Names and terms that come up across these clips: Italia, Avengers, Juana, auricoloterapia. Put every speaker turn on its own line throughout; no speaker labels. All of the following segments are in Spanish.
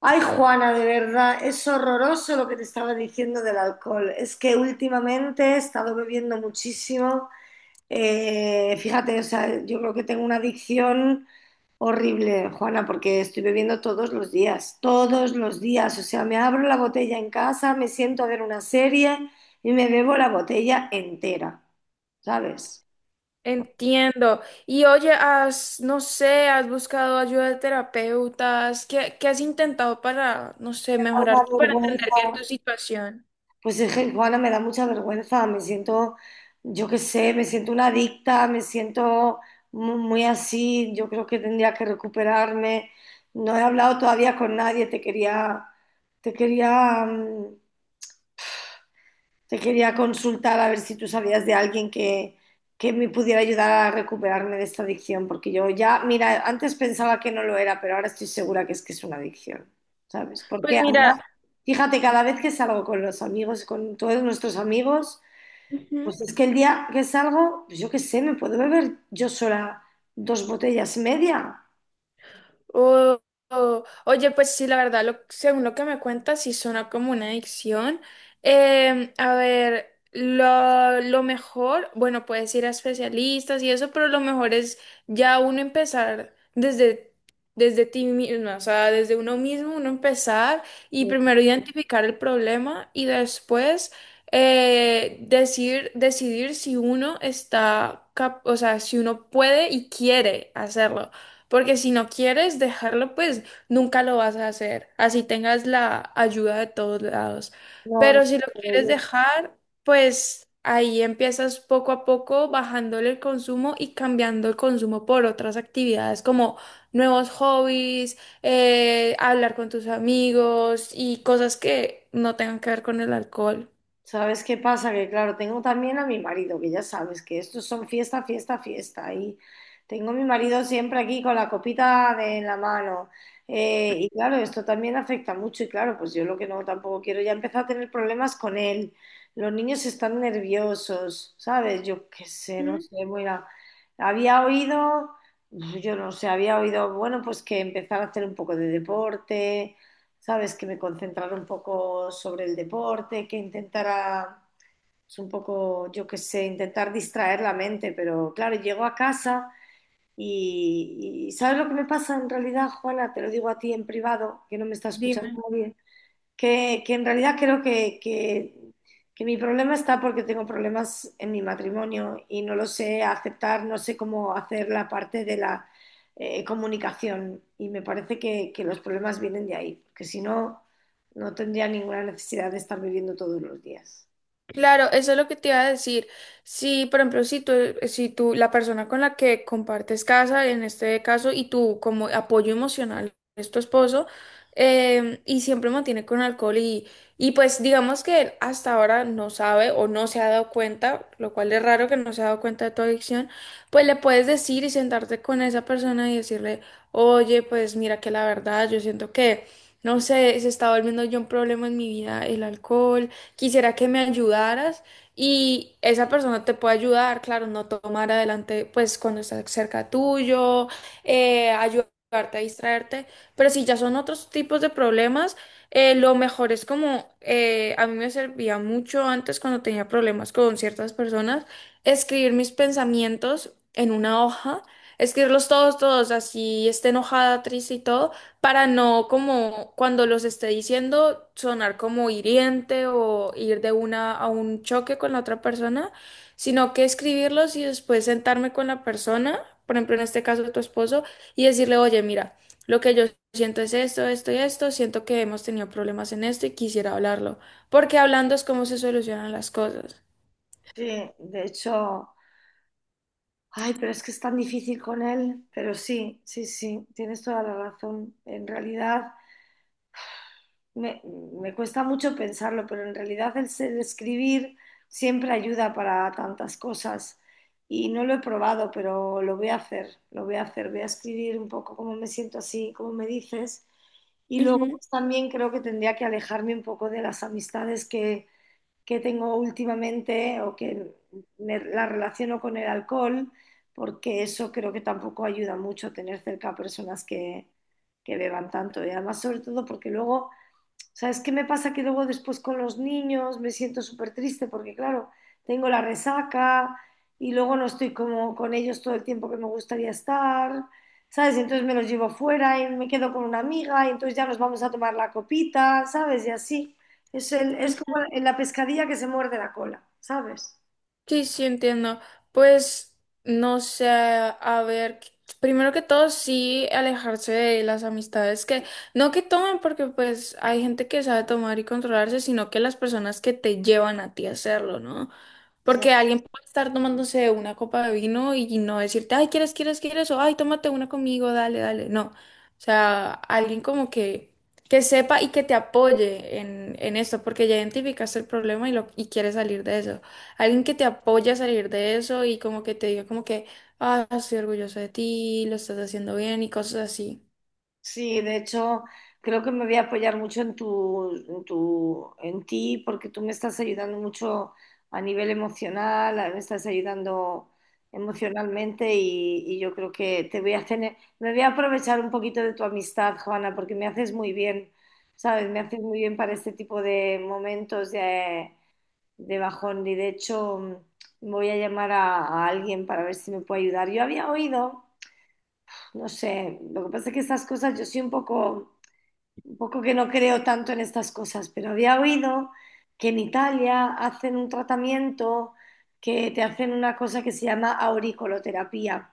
Ay, Juana, de verdad, es horroroso lo que te estaba diciendo del alcohol. Es que últimamente he estado bebiendo muchísimo. Fíjate, o sea, yo creo que tengo una adicción horrible, Juana, porque estoy bebiendo todos los días, todos los días. O sea, me abro la botella en casa, me siento a ver una serie y me bebo la botella entera, ¿sabes?
Entiendo. Y oye, has, no sé, has buscado ayuda de terapeutas. ¿Qué has intentado para, no sé,
Una
mejorar, para entender
vergüenza.
bien tu situación?
Pues es que, Juana, me da mucha vergüenza, me siento, yo qué sé, me siento una adicta, me siento muy, así, yo creo que tendría que recuperarme. No he hablado todavía con nadie, te quería, te quería consultar a ver si tú sabías de alguien que me pudiera ayudar a recuperarme de esta adicción, porque yo ya, mira, antes pensaba que no lo era, pero ahora estoy segura que es una adicción. ¿Sabes? Porque
Pues
ahora,
mira,
fíjate, cada vez que salgo con los amigos, con todos nuestros amigos, pues
ujú.
es que el día que salgo, pues yo qué sé, me puedo beber yo sola dos botellas media.
Oh, oh. Oye, pues sí, la verdad, lo, según lo que me cuentas, sí suena como una adicción. A ver, lo mejor, bueno, puedes ir a especialistas y eso, pero lo mejor es ya uno empezar desde ti misma, o sea, desde uno mismo, uno empezar y primero identificar el problema y después decir, decidir si uno está, cap- o sea, si uno puede y quiere hacerlo. Porque si no quieres dejarlo, pues nunca lo vas a hacer, así tengas la ayuda de todos lados.
No, no,
Pero si lo quieres
no.
dejar, pues ahí empiezas poco a poco bajándole el consumo y cambiando el consumo por otras actividades como nuevos hobbies, hablar con tus amigos y cosas que no tengan que ver con el alcohol.
¿Sabes qué pasa? Que claro, tengo también a mi marido, que ya sabes que estos son fiesta, fiesta, fiesta. Y tengo a mi marido siempre aquí con la copita de en la mano. Y claro, esto también afecta mucho. Y claro, pues yo lo que no tampoco quiero, ya empezar a tener problemas con él. Los niños están nerviosos, ¿sabes? Yo qué sé, no
Mm.
sé, mira, había oído, yo no sé, había oído, bueno, pues que empezar a hacer un poco de deporte, ¿sabes? Que me concentrara un poco sobre el deporte, que intentara, es un poco, yo qué sé, intentar distraer la mente, pero claro, llego a casa y ¿sabes lo que me pasa en realidad, Juana? Te lo digo a ti en privado, que no me está escuchando
Dime.
nadie. Que en realidad creo que mi problema está porque tengo problemas en mi matrimonio y no lo sé aceptar, no sé cómo hacer la parte de la comunicación, y me parece que los problemas vienen de ahí, porque si no, no tendría ninguna necesidad de estar viviendo todos los días.
Claro, eso es lo que te iba a decir. Si, por ejemplo, si tú, la persona con la que compartes casa, en este caso, y tú como apoyo emocional es tu esposo, y siempre mantiene con alcohol y pues digamos que él hasta ahora no sabe o no se ha dado cuenta, lo cual es raro que no se ha dado cuenta de tu adicción, pues le puedes decir y sentarte con esa persona y decirle, oye, pues mira que la verdad, yo siento que, no sé, se está volviendo yo un problema en mi vida el alcohol, quisiera que me ayudaras y esa persona te puede ayudar, claro, no tomar adelante, pues cuando está cerca tuyo, ayudarte a distraerte, pero si ya son otros tipos de problemas, lo mejor es como, a mí me servía mucho antes cuando tenía problemas con ciertas personas, escribir mis pensamientos en una hoja, escribirlos todos, todos, así esté enojada, triste y todo, para no como cuando los esté diciendo sonar como hiriente o ir de una a un choque con la otra persona, sino que escribirlos y después sentarme con la persona, por ejemplo en este caso tu esposo, y decirle, oye, mira, lo que yo siento es esto, esto y esto, siento que hemos tenido problemas en esto y quisiera hablarlo, porque hablando es como se solucionan las cosas.
Sí, de hecho, ay, pero es que es tan difícil con él, pero sí, sí, sí, tienes toda la razón. En realidad, me cuesta mucho pensarlo, pero en realidad escribir siempre ayuda para tantas cosas. Y no lo he probado, pero lo voy a hacer, lo voy a hacer. Voy a escribir un poco cómo me siento así, cómo me dices. Y luego
Ujú.
pues, también creo que tendría que alejarme un poco de las amistades que tengo últimamente, o que me, las relaciono con el alcohol, porque eso creo que tampoco ayuda mucho tener cerca a personas que beban tanto. Y además, sobre todo, porque luego... ¿Sabes qué me pasa? Que luego después con los niños me siento súper triste porque, claro, tengo la resaca y luego no estoy como con ellos todo el tiempo que me gustaría estar, ¿sabes? Y entonces me los llevo fuera y me quedo con una amiga y entonces ya nos vamos a tomar la copita, ¿sabes? Y así. Es como en la pescadilla que se muerde la cola, ¿sabes?
Sí, sí, entiendo. Pues no sé, a ver, primero que todo, sí alejarse de las amistades que, no que tomen, porque pues hay gente que sabe tomar y controlarse, sino que las personas que te llevan a ti a hacerlo, ¿no?
Sí,
Porque alguien puede estar tomándose una copa de vino y no decirte, ay, quieres, quieres, quieres, o ay, tómate una conmigo, dale, dale. No. O sea, alguien como que sepa y que te apoye en esto, porque ya identificaste el problema y, lo, y quieres salir de eso. Alguien que te apoye a salir de eso y como que te diga como que, ah, estoy orgulloso de ti, lo estás haciendo bien y cosas así.
sí, de hecho, creo que me voy a apoyar mucho en ti, porque tú me estás ayudando mucho a nivel emocional, me estás ayudando emocionalmente, y yo creo que te voy a tener, me voy a aprovechar un poquito de tu amistad, Juana, porque me haces muy bien, ¿sabes? Me haces muy bien para este tipo de momentos de bajón. Y de hecho, voy a llamar a alguien para ver si me puede ayudar. Yo había oído, no sé, lo que pasa es que estas cosas yo soy un poco que no creo tanto en estas cosas, pero había oído que en Italia hacen un tratamiento que te hacen una cosa que se llama auricoloterapia.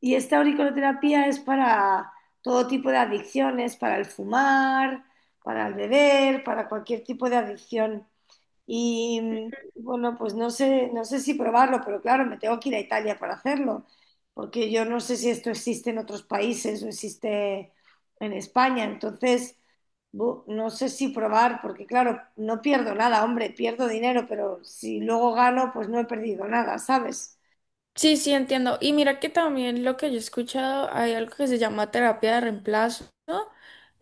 Y esta auricoloterapia es para todo tipo de adicciones, para el fumar, para el beber, para cualquier tipo de adicción. Y bueno, pues no sé, no sé si probarlo, pero claro, me tengo que ir a Italia para hacerlo, porque yo no sé si esto existe en otros países o existe en España. Entonces, no sé si probar, porque claro, no pierdo nada, hombre, pierdo dinero, pero si luego gano, pues no he perdido nada, ¿sabes?
Sí, sí, entiendo. Y mira que también lo que yo he escuchado, hay algo que se llama terapia de reemplazo.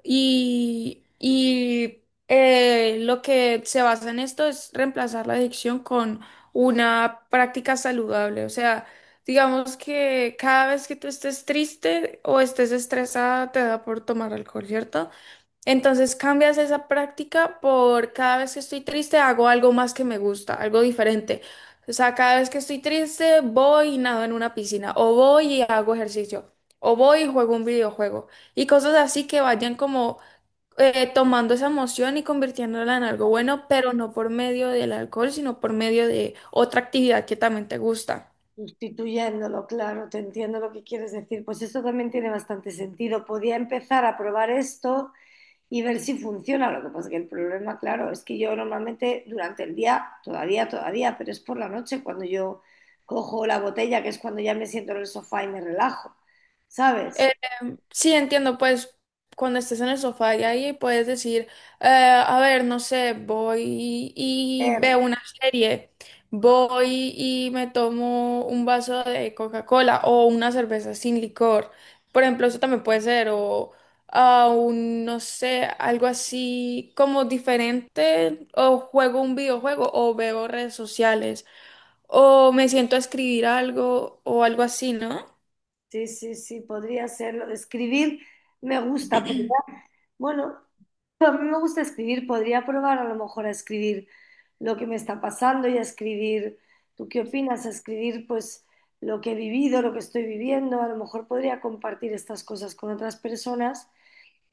Y lo que se basa en esto es reemplazar la adicción con una práctica saludable. O sea, digamos que cada vez que tú estés triste o estés estresada, te da por tomar alcohol, ¿cierto? Entonces cambias esa práctica por cada vez que estoy triste hago algo más que me gusta, algo diferente. O sea, cada vez que estoy triste voy y nado en una piscina, o voy y hago ejercicio, o voy y juego un videojuego, y cosas así que vayan como tomando esa emoción y convirtiéndola en algo bueno, pero no por medio del alcohol, sino por medio de otra actividad que también te gusta.
Sustituyéndolo, claro, te entiendo lo que quieres decir. Pues eso también tiene bastante sentido. Podía empezar a probar esto y ver si funciona. Lo que pasa es que el problema, claro, es que yo normalmente durante el día, todavía, todavía, pero es por la noche cuando yo cojo la botella, que es cuando ya me siento en el sofá y me relajo, ¿sabes?
Sí, entiendo, pues cuando estés en el sofá y ahí puedes decir, a ver, no sé, voy y veo una serie, voy y me tomo un vaso de Coca-Cola o una cerveza sin licor. Por ejemplo, eso también puede ser, o ah, un, no sé, algo así como diferente, o juego un videojuego o veo redes sociales, o me siento a escribir algo o algo así, ¿no?
Sí, sí, sí, podría serlo. Escribir me gusta. Bueno, a mí me gusta escribir. Podría probar a lo mejor a escribir lo que me está pasando y a escribir, ¿tú qué opinas? A escribir pues lo que he vivido, lo que estoy viviendo. A lo mejor podría compartir estas cosas con otras personas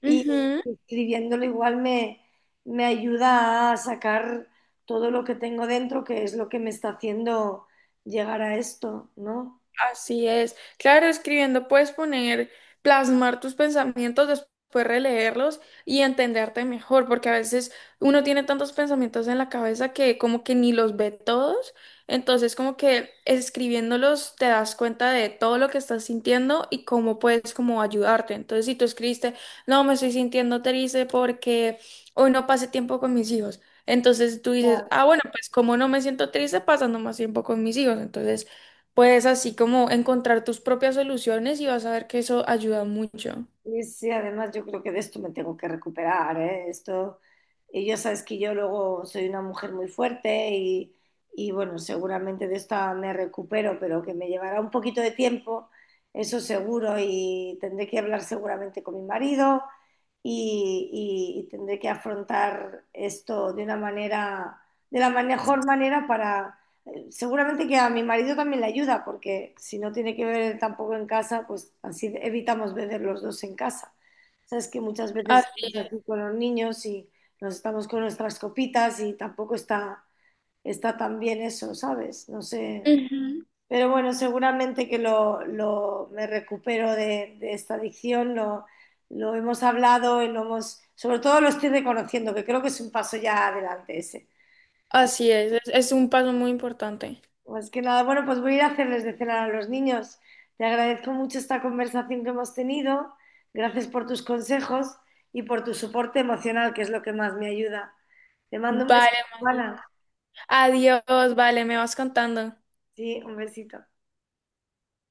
y
Ujú.
escribiéndolo igual me ayuda a sacar todo lo que tengo dentro, que es lo que me está haciendo llegar a esto, ¿no?
Así es. Claro, escribiendo puedes poner, plasmar tus pensamientos, después releerlos y entenderte mejor, porque a veces uno tiene tantos pensamientos en la cabeza que como que ni los ve todos. Entonces, como que escribiéndolos te das cuenta de todo lo que estás sintiendo y cómo puedes como ayudarte. Entonces, si tú escribiste, no, me estoy sintiendo triste porque hoy no pasé tiempo con mis hijos. Entonces tú dices, ah, bueno, pues como no me siento triste pasando más tiempo con mis hijos. Entonces puedes así como encontrar tus propias soluciones y vas a ver que eso ayuda mucho.
Y sí, además yo creo que de esto me tengo que recuperar, ¿eh? Esto, y ya sabes que yo luego soy una mujer muy fuerte y bueno, seguramente de esta me recupero, pero que me llevará un poquito de tiempo, eso seguro, y tendré que hablar seguramente con mi marido y, y tendré que afrontar esto de una manera, de la mejor manera. Para seguramente que a mi marido también le ayuda, porque si no tiene que beber tampoco en casa, pues así evitamos beber los dos en casa. Sabes que muchas veces
Así.
estamos aquí con los niños y nos estamos con nuestras copitas y tampoco está, está tan bien eso, ¿sabes? No sé.
Ujú.
Pero bueno, seguramente que me recupero de esta adicción, lo hemos hablado y lo hemos, sobre todo lo estoy reconociendo, que creo que es un paso ya adelante ese.
Así es, es un paso muy importante.
Más que nada, bueno, pues voy a ir a hacerles de cenar a los niños. Te agradezco mucho esta conversación que hemos tenido. Gracias por tus consejos y por tu soporte emocional, que es lo que más me ayuda. Te mando un
Vale,
besito,
María.
Juana.
Adiós, vale, me vas contando.
Sí, un besito.